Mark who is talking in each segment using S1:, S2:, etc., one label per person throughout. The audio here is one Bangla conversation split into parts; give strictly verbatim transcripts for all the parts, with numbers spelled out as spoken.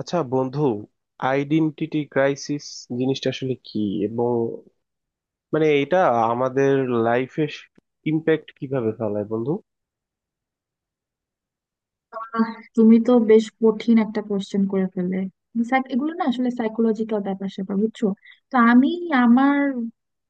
S1: আচ্ছা বন্ধু, আইডেন্টিটি ক্রাইসিস জিনিসটা আসলে কি, এবং মানে এটা আমাদের লাইফে ইম্প্যাক্ট কিভাবে ফেলায় বন্ধু?
S2: আহ, তুমি তো বেশ কঠিন একটা কোশ্চেন করে ফেললে। Psych- এগুলো না আসলে সাইকোলজিক্যাল ব্যাপার স্যাপার, বুঝছো? তো আমি আমার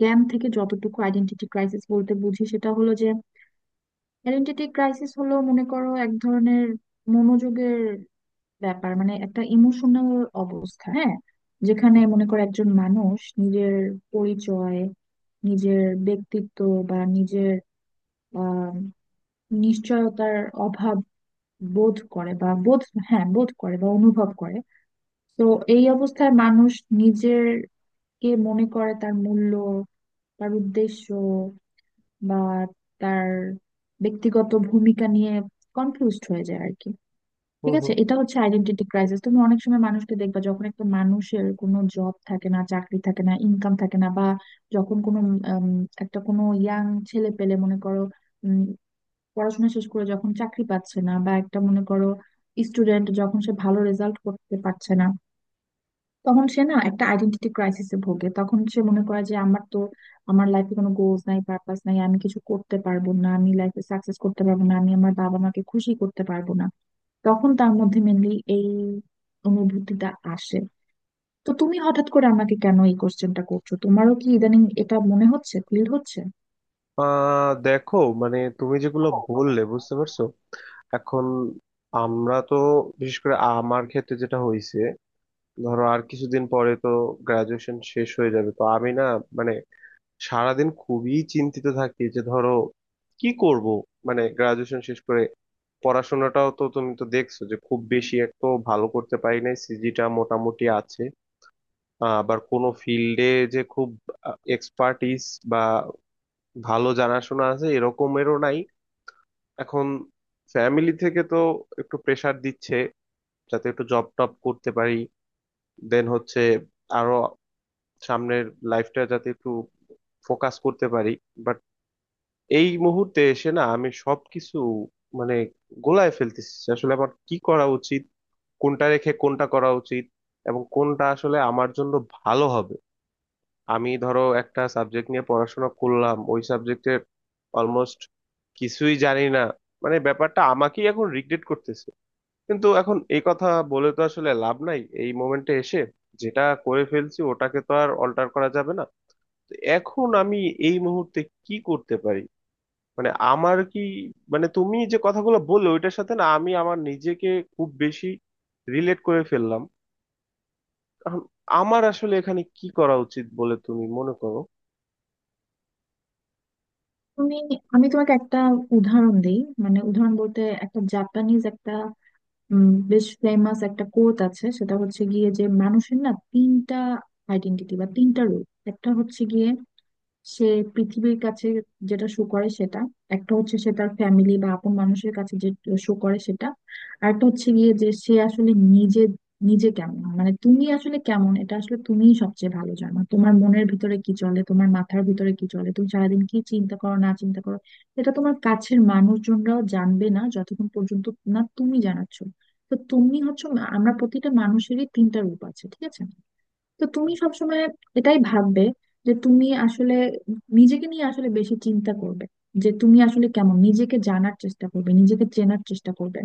S2: জ্ঞান থেকে যতটুকু আইডেন্টিটি ক্রাইসিস বলতে বুঝি সেটা হলো যে, আইডেন্টিটি ক্রাইসিস হলো মনে করো এক ধরনের মনোযোগের ব্যাপার, মানে একটা ইমোশনাল অবস্থা। হ্যাঁ, যেখানে মনে করো একজন মানুষ নিজের পরিচয়, নিজের ব্যক্তিত্ব বা নিজের আহ নিশ্চয়তার অভাব বোধ করে বা বোধ, হ্যাঁ বোধ করে বা অনুভব করে। তো এই অবস্থায় মানুষ নিজের কে মনে করে তার মূল্য, তার উদ্দেশ্য বা তার ব্যক্তিগত ভূমিকা নিয়ে কনফিউজড হয়ে যায় আর কি।
S1: হুম
S2: ঠিক আছে,
S1: হুম।
S2: এটা হচ্ছে আইডেন্টিটি ক্রাইসিস। তুমি অনেক সময় মানুষকে দেখবা, যখন একটা মানুষের কোনো জব থাকে না, চাকরি থাকে না, ইনকাম থাকে না, বা যখন কোনো উম, একটা কোনো ইয়াং ছেলে পেলে মনে করো পড়াশোনা শেষ করে যখন চাকরি পাচ্ছে না, বা একটা মনে করো স্টুডেন্ট যখন সে ভালো রেজাল্ট করতে পারছে না, তখন সে না একটা আইডেন্টিটি ক্রাইসিসে ভোগে। তখন সে মনে করে যে আমার তো, আমার লাইফে কোনো গোলস নাই, পারপাস নাই, আমি কিছু করতে পারবো না, আমি লাইফে সাকসেস করতে পারবো না, আমি আমার বাবা মাকে খুশি করতে পারবো না। তখন তার মধ্যে মেনলি এই অনুভূতিটা আসে। তো তুমি হঠাৎ করে আমাকে কেন এই কোশ্চেনটা করছো? তোমারও কি ইদানিং এটা মনে হচ্ছে, ফিল
S1: আহ দেখো, মানে তুমি যেগুলো
S2: হচ্ছে?
S1: বললে বুঝতে পারছো এখন আমরা তো, বিশেষ করে আমার ক্ষেত্রে যেটা হয়েছে, ধরো আর কিছুদিন পরে তো গ্রাজুয়েশন শেষ হয়ে যাবে। তো আমি না, মানে সারাদিন খুবই চিন্তিত থাকি যে ধরো কি করব, মানে গ্রাজুয়েশন শেষ করে। পড়াশোনাটাও তো তুমি তো দেখছো যে খুব বেশি এক তো ভালো করতে পারি নাই, সিজিটা মোটামুটি আছে। আহ, আবার কোনো ফিল্ডে যে খুব এক্সপার্টিস বা ভালো জানাশোনা আছে এরকমেরও নাই। এখন ফ্যামিলি থেকে তো একটু প্রেসার দিচ্ছে যাতে একটু জব টপ করতে পারি, দেন হচ্ছে আরো সামনের লাইফটা যাতে একটু ফোকাস করতে পারি। এই মুহূর্তে এসে না আমি সবকিছু মানে গোলায় ফেলতেছি, আসলে আমার কি করা উচিত, কোনটা রেখে কোনটা করা উচিত এবং কোনটা আসলে আমার জন্য ভালো হবে। আমি ধরো একটা সাবজেক্ট নিয়ে পড়াশোনা করলাম, ওই সাবজেক্টের অলমোস্ট কিছুই জানি না, মানে ব্যাপারটা আমাকেই এখন রিগ্রেট করতেছে। কিন্তু এখন এই কথা বলে তো আসলে লাভ নাই এই মোমেন্টে এসে, যেটা করে ফেলছি ওটাকে তো আর অল্টার করা যাবে না। তো এখন আমি এই মুহূর্তে কি করতে পারি, মানে আমার কি, মানে তুমি যে কথাগুলো বললে ওইটার সাথে না আমি আমার নিজেকে খুব বেশি রিলেট করে ফেললাম। কারণ আমার আসলে এখানে কি করা উচিত বলে তুমি মনে করো?
S2: তুমি, আমি তোমাকে একটা উদাহরণ দিই। মানে উদাহরণ বলতে একটা জাপানিজ একটা উম, বেশ ফেমাস একটা কোট আছে, সেটা হচ্ছে গিয়ে যে মানুষের না তিনটা আইডেন্টিটি বা তিনটা রূপ। একটা হচ্ছে গিয়ে সে পৃথিবীর কাছে যেটা শো করে সেটা, একটা হচ্ছে সে তার ফ্যামিলি বা আপন মানুষের কাছে যে শো করে সেটা, আর একটা হচ্ছে গিয়ে যে সে আসলে নিজে নিজে কেমন। মানে তুমি আসলে কেমন, এটা আসলে তুমিই সবচেয়ে ভালো জানো। তোমার মনের ভিতরে কি চলে, তোমার মাথার ভিতরে কি চলে, তুমি সারাদিন কি চিন্তা করো না চিন্তা করো, এটা তোমার কাছের মানুষজনরাও জানবে না যতক্ষণ পর্যন্ত না তুমি জানাচ্ছ। তো তুমি হচ্ছে, আমরা প্রতিটা মানুষেরই তিনটা রূপ আছে, ঠিক আছে? তো তুমি সবসময় এটাই ভাববে যে তুমি আসলে নিজেকে নিয়ে আসলে বেশি চিন্তা করবে, যে তুমি আসলে কেমন, নিজেকে জানার চেষ্টা করবে, নিজেকে চেনার চেষ্টা করবে।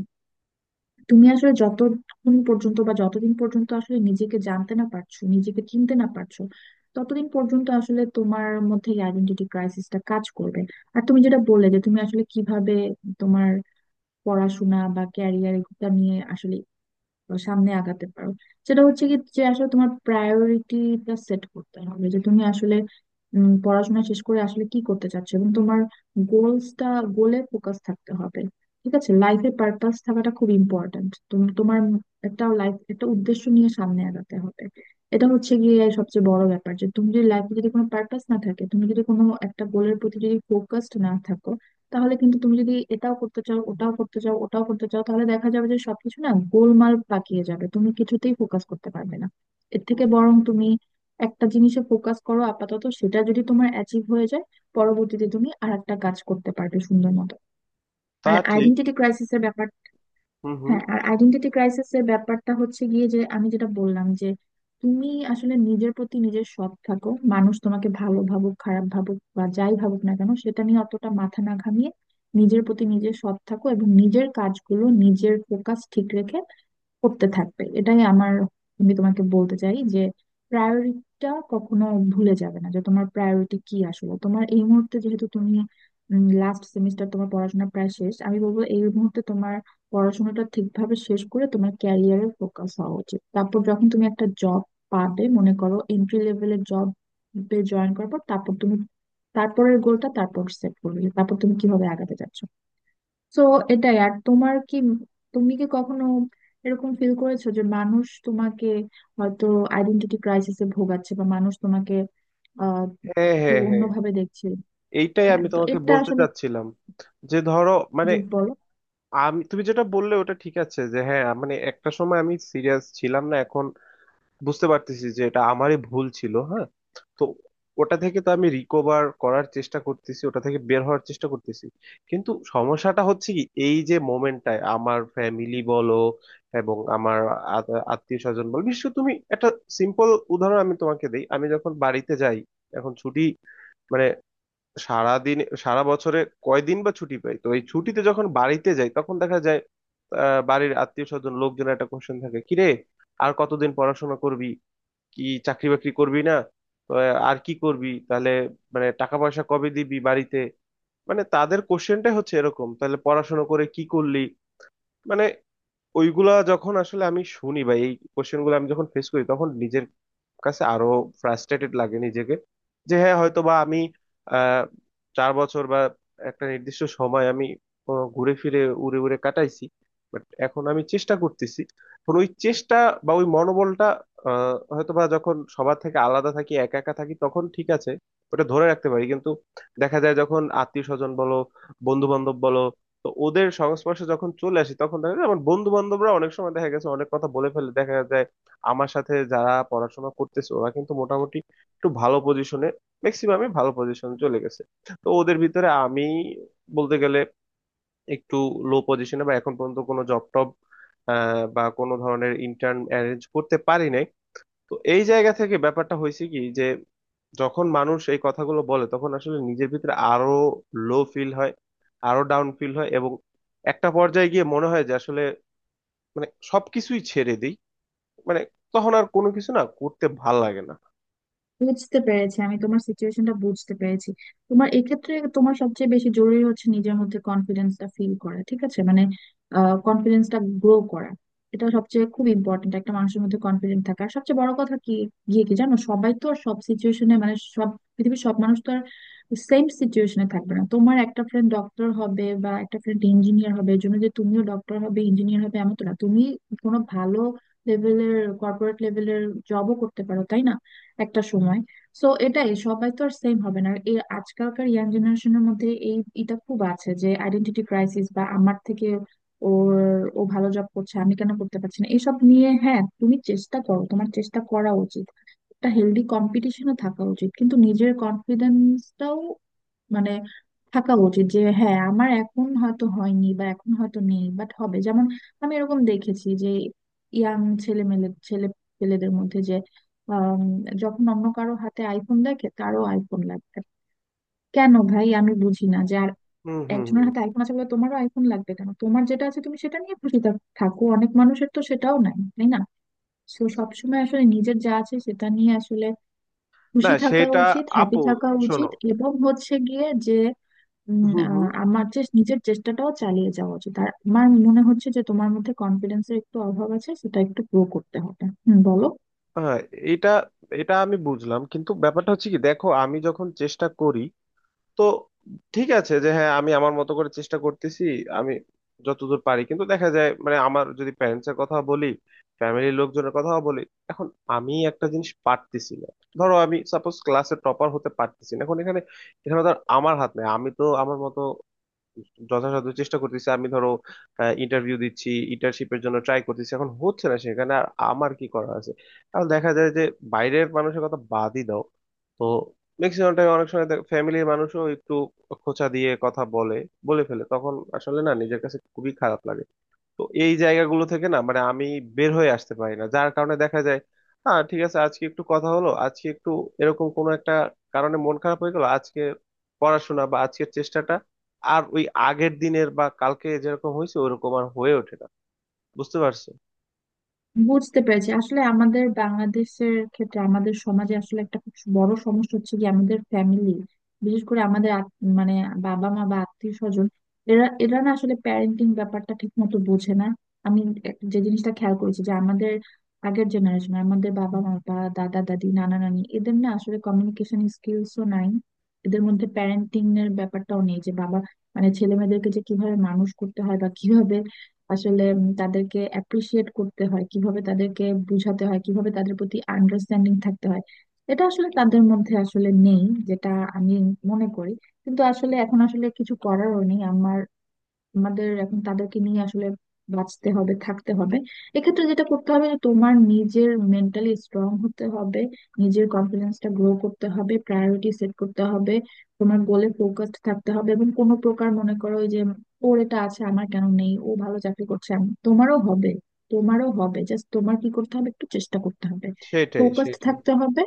S2: তুমি আসলে যতক্ষণ পর্যন্ত বা যতদিন পর্যন্ত আসলে নিজেকে জানতে না পারছো, নিজেকে চিনতে না পারছো, ততদিন পর্যন্ত আসলে তোমার মধ্যে আইডেন্টিটি ক্রাইসিসটা কাজ করবে। আর তুমি যেটা বললে যে তুমি আসলে কিভাবে তোমার পড়াশোনা বা ক্যারিয়ার এটা নিয়ে আসলে সামনে আগাতে পারো, সেটা হচ্ছে কি, যে আসলে তোমার প্রায়োরিটিটা সেট করতে হবে। যে তুমি আসলে উম, পড়াশোনা শেষ করে আসলে কি করতে চাচ্ছো, এবং তোমার গোলসটা, গোলে ফোকাস থাকতে হবে। ঠিক আছে, লাইফে পারপাস থাকাটা খুব ইম্পর্ট্যান্ট। তুমি তোমার একটা লাইফ, একটা উদ্দেশ্য নিয়ে সামনে আগাতে হবে। এটা হচ্ছে গিয়ে সবচেয়ে বড় ব্যাপার, যে তুমি যদি লাইফে যদি কোনো পারপাস না থাকে, তুমি যদি কোনো একটা গোলের প্রতি যদি ফোকাসড না থাকো, তাহলে কিন্তু তুমি যদি এটাও করতে চাও, ওটাও করতে চাও, ওটাও করতে চাও, তাহলে দেখা যাবে যে সবকিছু না গোলমাল পাকিয়ে যাবে, তুমি কিছুতেই ফোকাস করতে পারবে না। এর থেকে বরং তুমি একটা জিনিসে ফোকাস করো আপাতত, সেটা যদি তোমার অ্যাচিভ হয়ে যায়, পরবর্তীতে তুমি আর একটা কাজ করতে পারবে সুন্দর মতো।
S1: তা
S2: আর
S1: ঠিক।
S2: আইডেন্টিটি ক্রাইসিসের ব্যাপারটা,
S1: হুম হুম।
S2: হ্যাঁ, আর আইডেন্টিটি ক্রাইসিস এর ব্যাপারটা হচ্ছে গিয়ে যে, আমি যেটা বললাম যে তুমি আসলে নিজের প্রতি নিজের সৎ থাকো। মানুষ তোমাকে ভালো ভাবুক, খারাপ ভাবুক বা যাই ভাবুক না কেন সেটা নিয়ে অতটা মাথা না ঘামিয়ে নিজের প্রতি নিজে সৎ থাকো, এবং নিজের কাজগুলো নিজের ফোকাস ঠিক রেখে করতে থাকবে। এটাই আমার, আমি তোমাকে বলতে চাই যে প্রায়োরিটিটা কখনো ভুলে যাবে না, যে তোমার প্রায়োরিটি কি আসলে। তোমার এই মুহূর্তে, যেহেতু তুমি লাস্ট সেমিস্টার, তোমার পড়াশোনা প্রায় শেষ, আমি বলবো এই মুহূর্তে তোমার পড়াশোনাটা ঠিকভাবে শেষ করে তোমার ক্যারিয়ারে ফোকাস হওয়া উচিত। তারপর যখন তুমি একটা জব পাবে, মনে করো এন্ট্রি লেভেলের জব জয়েন করার পর, তারপর তুমি তারপরের গোলটা তারপর সেট করবে, যে তারপর তুমি কিভাবে আগাতে চাচ্ছ। তো এটাই। আর তোমার কি, তুমি কি কখনো এরকম ফিল করেছো যে মানুষ তোমাকে হয়তো আইডেন্টিটি ক্রাইসিসে ভোগাচ্ছে, বা মানুষ তোমাকে আহ
S1: হ্যাঁ
S2: একটু
S1: হ্যাঁ হ্যাঁ,
S2: অন্যভাবে দেখছে?
S1: এইটাই
S2: হ্যাঁ,
S1: আমি
S2: তো
S1: তোমাকে
S2: এটা
S1: বলতে
S2: আসলে,
S1: চাচ্ছিলাম। যে ধরো, মানে
S2: জি বলো।
S1: আমি, তুমি যেটা বললে ওটা ঠিক আছে যে হ্যাঁ, মানে একটা সময় আমি সিরিয়াস ছিলাম না, এখন বুঝতে পারতেছি যে এটা আমারই ভুল ছিল। হ্যাঁ, তো ওটা থেকে তো আমি রিকভার করার চেষ্টা করতেছি, ওটা থেকে বের হওয়ার চেষ্টা করতেছি। কিন্তু সমস্যাটা হচ্ছে কি, এই যে মোমেন্টটায় আমার ফ্যামিলি বলো এবং আমার আত্মীয় স্বজন বলো, বিশেষ করে তুমি একটা সিম্পল উদাহরণ আমি তোমাকে দিই। আমি যখন বাড়িতে যাই, এখন ছুটি মানে সারা দিন সারা বছরে কয়দিন বা ছুটি পাই, তো এই ছুটিতে যখন বাড়িতে যাই তখন দেখা যায় আহ, বাড়ির আত্মীয় স্বজন লোকজনের একটা কোশ্চেন থাকে, কিরে, আর কতদিন পড়াশোনা করবি, কি চাকরি বাকরি করবি না, তো আর কি করবি তাহলে, মানে টাকা পয়সা কবে দিবি বাড়িতে। মানে তাদের কোশ্চেনটাই হচ্ছে এরকম, তাহলে পড়াশোনা করে কি করলি, মানে ওইগুলা যখন আসলে আমি শুনি বা এই কোশ্চেন গুলো আমি যখন ফেস করি তখন নিজের কাছে আরো ফ্রাস্ট্রেটেড লাগে নিজেকে, যে হ্যাঁ হয়তো বা আমি আহ চার বছর বা একটা নির্দিষ্ট সময় আমি আহ, ঘুরে ফিরে উড়ে উড়ে কাটাইছি। বাট এখন আমি চেষ্টা করতেছি, এখন ওই চেষ্টা বা ওই মনোবলটা, আহ হয়তো বা যখন সবার থেকে আলাদা থাকি, একা একা থাকি তখন ঠিক আছে, ওটা ধরে রাখতে পারি। কিন্তু দেখা যায় যখন আত্মীয় স্বজন বলো, বন্ধু বান্ধব বলো, তো ওদের সংস্পর্শে যখন চলে আসি তখন দেখা যায় আমার বন্ধু বান্ধবরা অনেক সময় দেখা গেছে অনেক কথা বলে ফেলে। দেখা যায় আমার সাথে যারা পড়াশোনা করতেছে ওরা কিন্তু মোটামুটি একটু ভালো পজিশনে, ম্যাক্সিমামই ভালো পজিশনে চলে গেছে। তো ওদের ভিতরে আমি বলতে গেলে একটু লো পজিশনে, বা এখন পর্যন্ত কোনো জব টব বা কোনো ধরনের ইন্টার্ন অ্যারেঞ্জ করতে পারি নাই। তো এই জায়গা থেকে ব্যাপারটা হয়েছে কি, যে যখন মানুষ এই কথাগুলো বলে তখন আসলে নিজের ভিতরে আরো লো ফিল হয়, আরো ডাউন ফিল হয়, এবং একটা পর্যায়ে গিয়ে মনে হয় যে আসলে মানে সবকিছুই ছেড়ে দিই, মানে তখন আর কোনো কিছু না করতে ভাল লাগে না।
S2: বুঝতে পেরেছি, আমি তোমার সিচুয়েশনটা বুঝতে পেরেছি। তোমার এক্ষেত্রে তোমার সবচেয়ে বেশি জরুরি হচ্ছে নিজের মধ্যে কনফিডেন্সটা ফিল করা, ঠিক আছে? মানে কনফিডেন্সটা গ্রো করা। এটা সবচেয়ে খুব ইম্পর্টেন্ট, একটা মানুষের মধ্যে কনফিডেন্ট থাকা। আর সবচেয়ে বড় কথা কি গিয়ে কি জানো, সবাই তো আর সব সিচুয়েশনে, মানে সব পৃথিবীর সব মানুষ তো আর সেম সিচুয়েশনে থাকবে না। তোমার একটা ফ্রেন্ড ডক্টর হবে বা একটা ফ্রেন্ড ইঞ্জিনিয়ার হবে, এর জন্য যে তুমিও ডক্টর হবে, ইঞ্জিনিয়ার হবে এমন তো না। তুমি কোনো ভালো লেভেলের কর্পোরেট লেভেলের জবও করতে পারো, তাই না, একটা সময়? সো এটাই, সবাই তো আর সেম হবে না। এই আজকালকার ইয়াং জেনারেশনের মধ্যে এই এটা খুব আছে যে আইডেন্টিটি ক্রাইসিস, বা আমার থেকে ওর, ও ভালো জব করছে, আমি কেন করতে পারছি না, এসব নিয়ে। হ্যাঁ, তুমি চেষ্টা করো, তোমার চেষ্টা করা উচিত, একটা হেলদি কম্পিটিশনে থাকা উচিত, কিন্তু নিজের কনফিডেন্সটাও মানে থাকা উচিত যে হ্যাঁ, আমার এখন হয়তো হয়নি বা এখন হয়তো নেই, বাট হবে। যেমন আমি এরকম দেখেছি যে ইয়াং ছেলে মেলে, ছেলে পেলেদের মধ্যে যে আম, যখন অন্য কারো হাতে আইফোন দেখে, তারও আইফোন লাগবে। কেন ভাই, আমি বুঝি না যে আর
S1: হুম হুম
S2: একজনের
S1: হুম।
S2: হাতে আইফোন আছে বলে তোমারও আইফোন লাগবে কেন? তোমার যেটা আছে তুমি সেটা নিয়ে খুশি থাক- থাকো, অনেক মানুষের তো সেটাও নাই, তাই না? তো সবসময় আসলে নিজের যা আছে সেটা নিয়ে আসলে
S1: না
S2: খুশি থাকা
S1: সেটা
S2: উচিত, হ্যাপি
S1: আপু,
S2: থাকা উচিত,
S1: শোনো।
S2: এবং হচ্ছে গিয়ে উম,
S1: হুম হুম।
S2: আহ, আমার চেস নিজের চেষ্টাটাও চালিয়ে যাওয়া উচিত। আর আমার মনে হচ্ছে যে তোমার মধ্যে কনফিডেন্সের একটু অভাব আছে, সেটা একটু গ্রো করতে হবে। হুম, বলো।
S1: হ্যাঁ, এটা এটা আমি বুঝলাম, কিন্তু ব্যাপারটা হচ্ছে কি, দেখো আমি যখন চেষ্টা করি, তো ঠিক আছে যে হ্যাঁ আমি আমার মতো করে চেষ্টা করতেছি, আমি যতদূর পারি। কিন্তু দেখা যায় মানে আমার যদি প্যারেন্টস এর কথা বলি, ফ্যামিলির লোকজনের কথাও বলি, এখন আমি একটা জিনিস পারতেছি না। ধরো আমি সাপোজ ক্লাসে টপার হতে পারতেছি না, এখন এখানে এখানে ধর আমার হাত নেই, আমি তো আমার মতো যথাসাধ্য চেষ্টা করতেছি। আমি ধরো ইন্টারভিউ দিচ্ছি, ইন্টার্নশিপের জন্য ট্রাই করতেছি, এখন হচ্ছে না, সেখানে আর আমার কি করা আছে? এখন দেখা যায় যে বাইরের মানুষের কথা বাদই দাও, তো ম্যাক্সিমাম টাইম অনেক সময় ফ্যামিলির মানুষও একটু খোঁচা দিয়ে কথা বলে বলে ফেলে, তখন আসলে না নিজের কাছে খুবই খারাপ লাগে। তো এই জায়গাগুলো থেকে না মানে আমি বের হয়ে আসতে পারি না, যার কারণে দেখা যায় হ্যাঁ ঠিক আছে আজকে একটু কথা হলো, আজকে একটু এরকম কোনো একটা কারণে মন খারাপ হয়ে গেল, আজকে পড়াশোনা বা আজকের চেষ্টাটা আর ওই আগের দিনের বা কালকে যেরকম হয়েছে ওরকম আর হয়ে ওঠে না। বুঝতে পারছো?
S2: বুঝতে পেরেছি, আসলে আমাদের বাংলাদেশের ক্ষেত্রে আমাদের সমাজে আসলে একটা খুব বড় সমস্যা হচ্ছে কি, আমাদের ফ্যামিলি, বিশেষ করে আমাদের আত- মানে বাবা মা বা আত্মীয় স্বজন, এরা এরা না আসলে প্যারেন্টিং ব্যাপারটা ঠিক মতো বোঝে না। আমি এক- যে জিনিসটা খেয়াল করেছি যে আমাদের আগের জেনারেশন, আমাদের বাবা মা বা দাদা দাদি নানা নানি, এদের না আসলে কমিউনিকেশন স্কিলসও নাই। এদের মধ্যে প্যারেন্টিং এর ব্যাপারটাও নেই যে বাবা, মানে ছেলে মেয়েদেরকে যে কিভাবে মানুষ করতে হয়, বা কিভাবে আসলে উম তাদেরকে অ্যাপ্রিসিয়েট করতে হয়, কিভাবে তাদেরকে বুঝাতে হয়, কিভাবে তাদের প্রতি আন্ডারস্ট্যান্ডিং থাকতে হয়, এটা আসলে তাদের মধ্যে আসলে নেই, যেটা আমি মনে করি। কিন্তু আসলে এখন আসলে কিছু করারও নেই আমার, আমাদের এখন তাদেরকে নিয়ে আসলে বাঁচতে হবে, থাকতে হবে। এক্ষেত্রে যেটা করতে হবে যে তোমার নিজের মেন্টালি স্ট্রং হতে হবে, নিজের কনফিডেন্সটা গ্রো করতে হবে, প্রায়োরিটি সেট করতে হবে, তোমার গোলে ফোকাসড থাকতে হবে, এবং কোনো প্রকার মনে করো ওই যে ওর এটা আছে আমার কেন নেই, ও ভালো চাকরি করছে, আমি, তোমারও হবে, তোমারও হবে, জাস্ট তোমার কি করতে হবে একটু চেষ্টা করতে হবে,
S1: সেটাই
S2: ফোকাসড
S1: সেটাই।
S2: থাকতে হবে।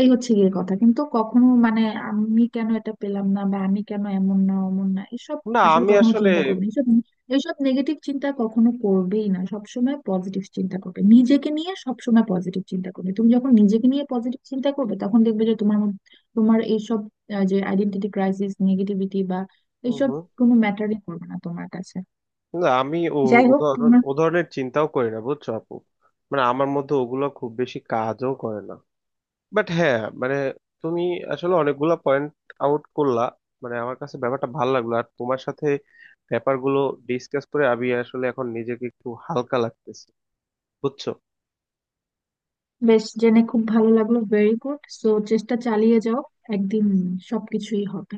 S2: এই হচ্ছে গিয়ে কথা, কিন্তু কখনো মানে আমি কেন এটা পেলাম না, বা আমি কেন এমন না অমন না, এসব
S1: না
S2: আসলে
S1: আমি
S2: কখনো
S1: আসলে।
S2: চিন্তা করবে, এইসব, এইসব নেগেটিভ চিন্তা কখনো করবেই না। সবসময় পজিটিভ চিন্তা করবে, নিজেকে নিয়ে সবসময় পজিটিভ চিন্তা করবে। তুমি যখন নিজেকে নিয়ে পজিটিভ চিন্তা করবে তখন দেখবে যে তোমার মধ্যে-, তোমার এইসব আহ, যে আইডেন্টিটি ক্রাইসিস, নেগেটিভিটি বা
S1: হুম
S2: এইসব
S1: হুম।
S2: কোনো ম্যাটারই করবে না তোমার কাছে।
S1: না আমি ও
S2: যাই হোক,
S1: উদাহরণ,
S2: তোমার
S1: উদাহরণের চিন্তাও করি না বুঝছো আপু, মানে আমার মধ্যে ওগুলো খুব বেশি কাজও করে না। বাট হ্যাঁ, মানে তুমি আসলে অনেকগুলা পয়েন্ট আউট করলা, মানে আমার কাছে ব্যাপারটা ভালো লাগলো। আর তোমার সাথে ব্যাপারগুলো ডিসকাস করে আমি আসলে এখন নিজেকে একটু হালকা লাগতেছে, বুঝছো?
S2: বেশ, জেনে খুব ভালো লাগলো। Very good. সো চেষ্টা চালিয়ে যাও, একদিন সবকিছুই হবে।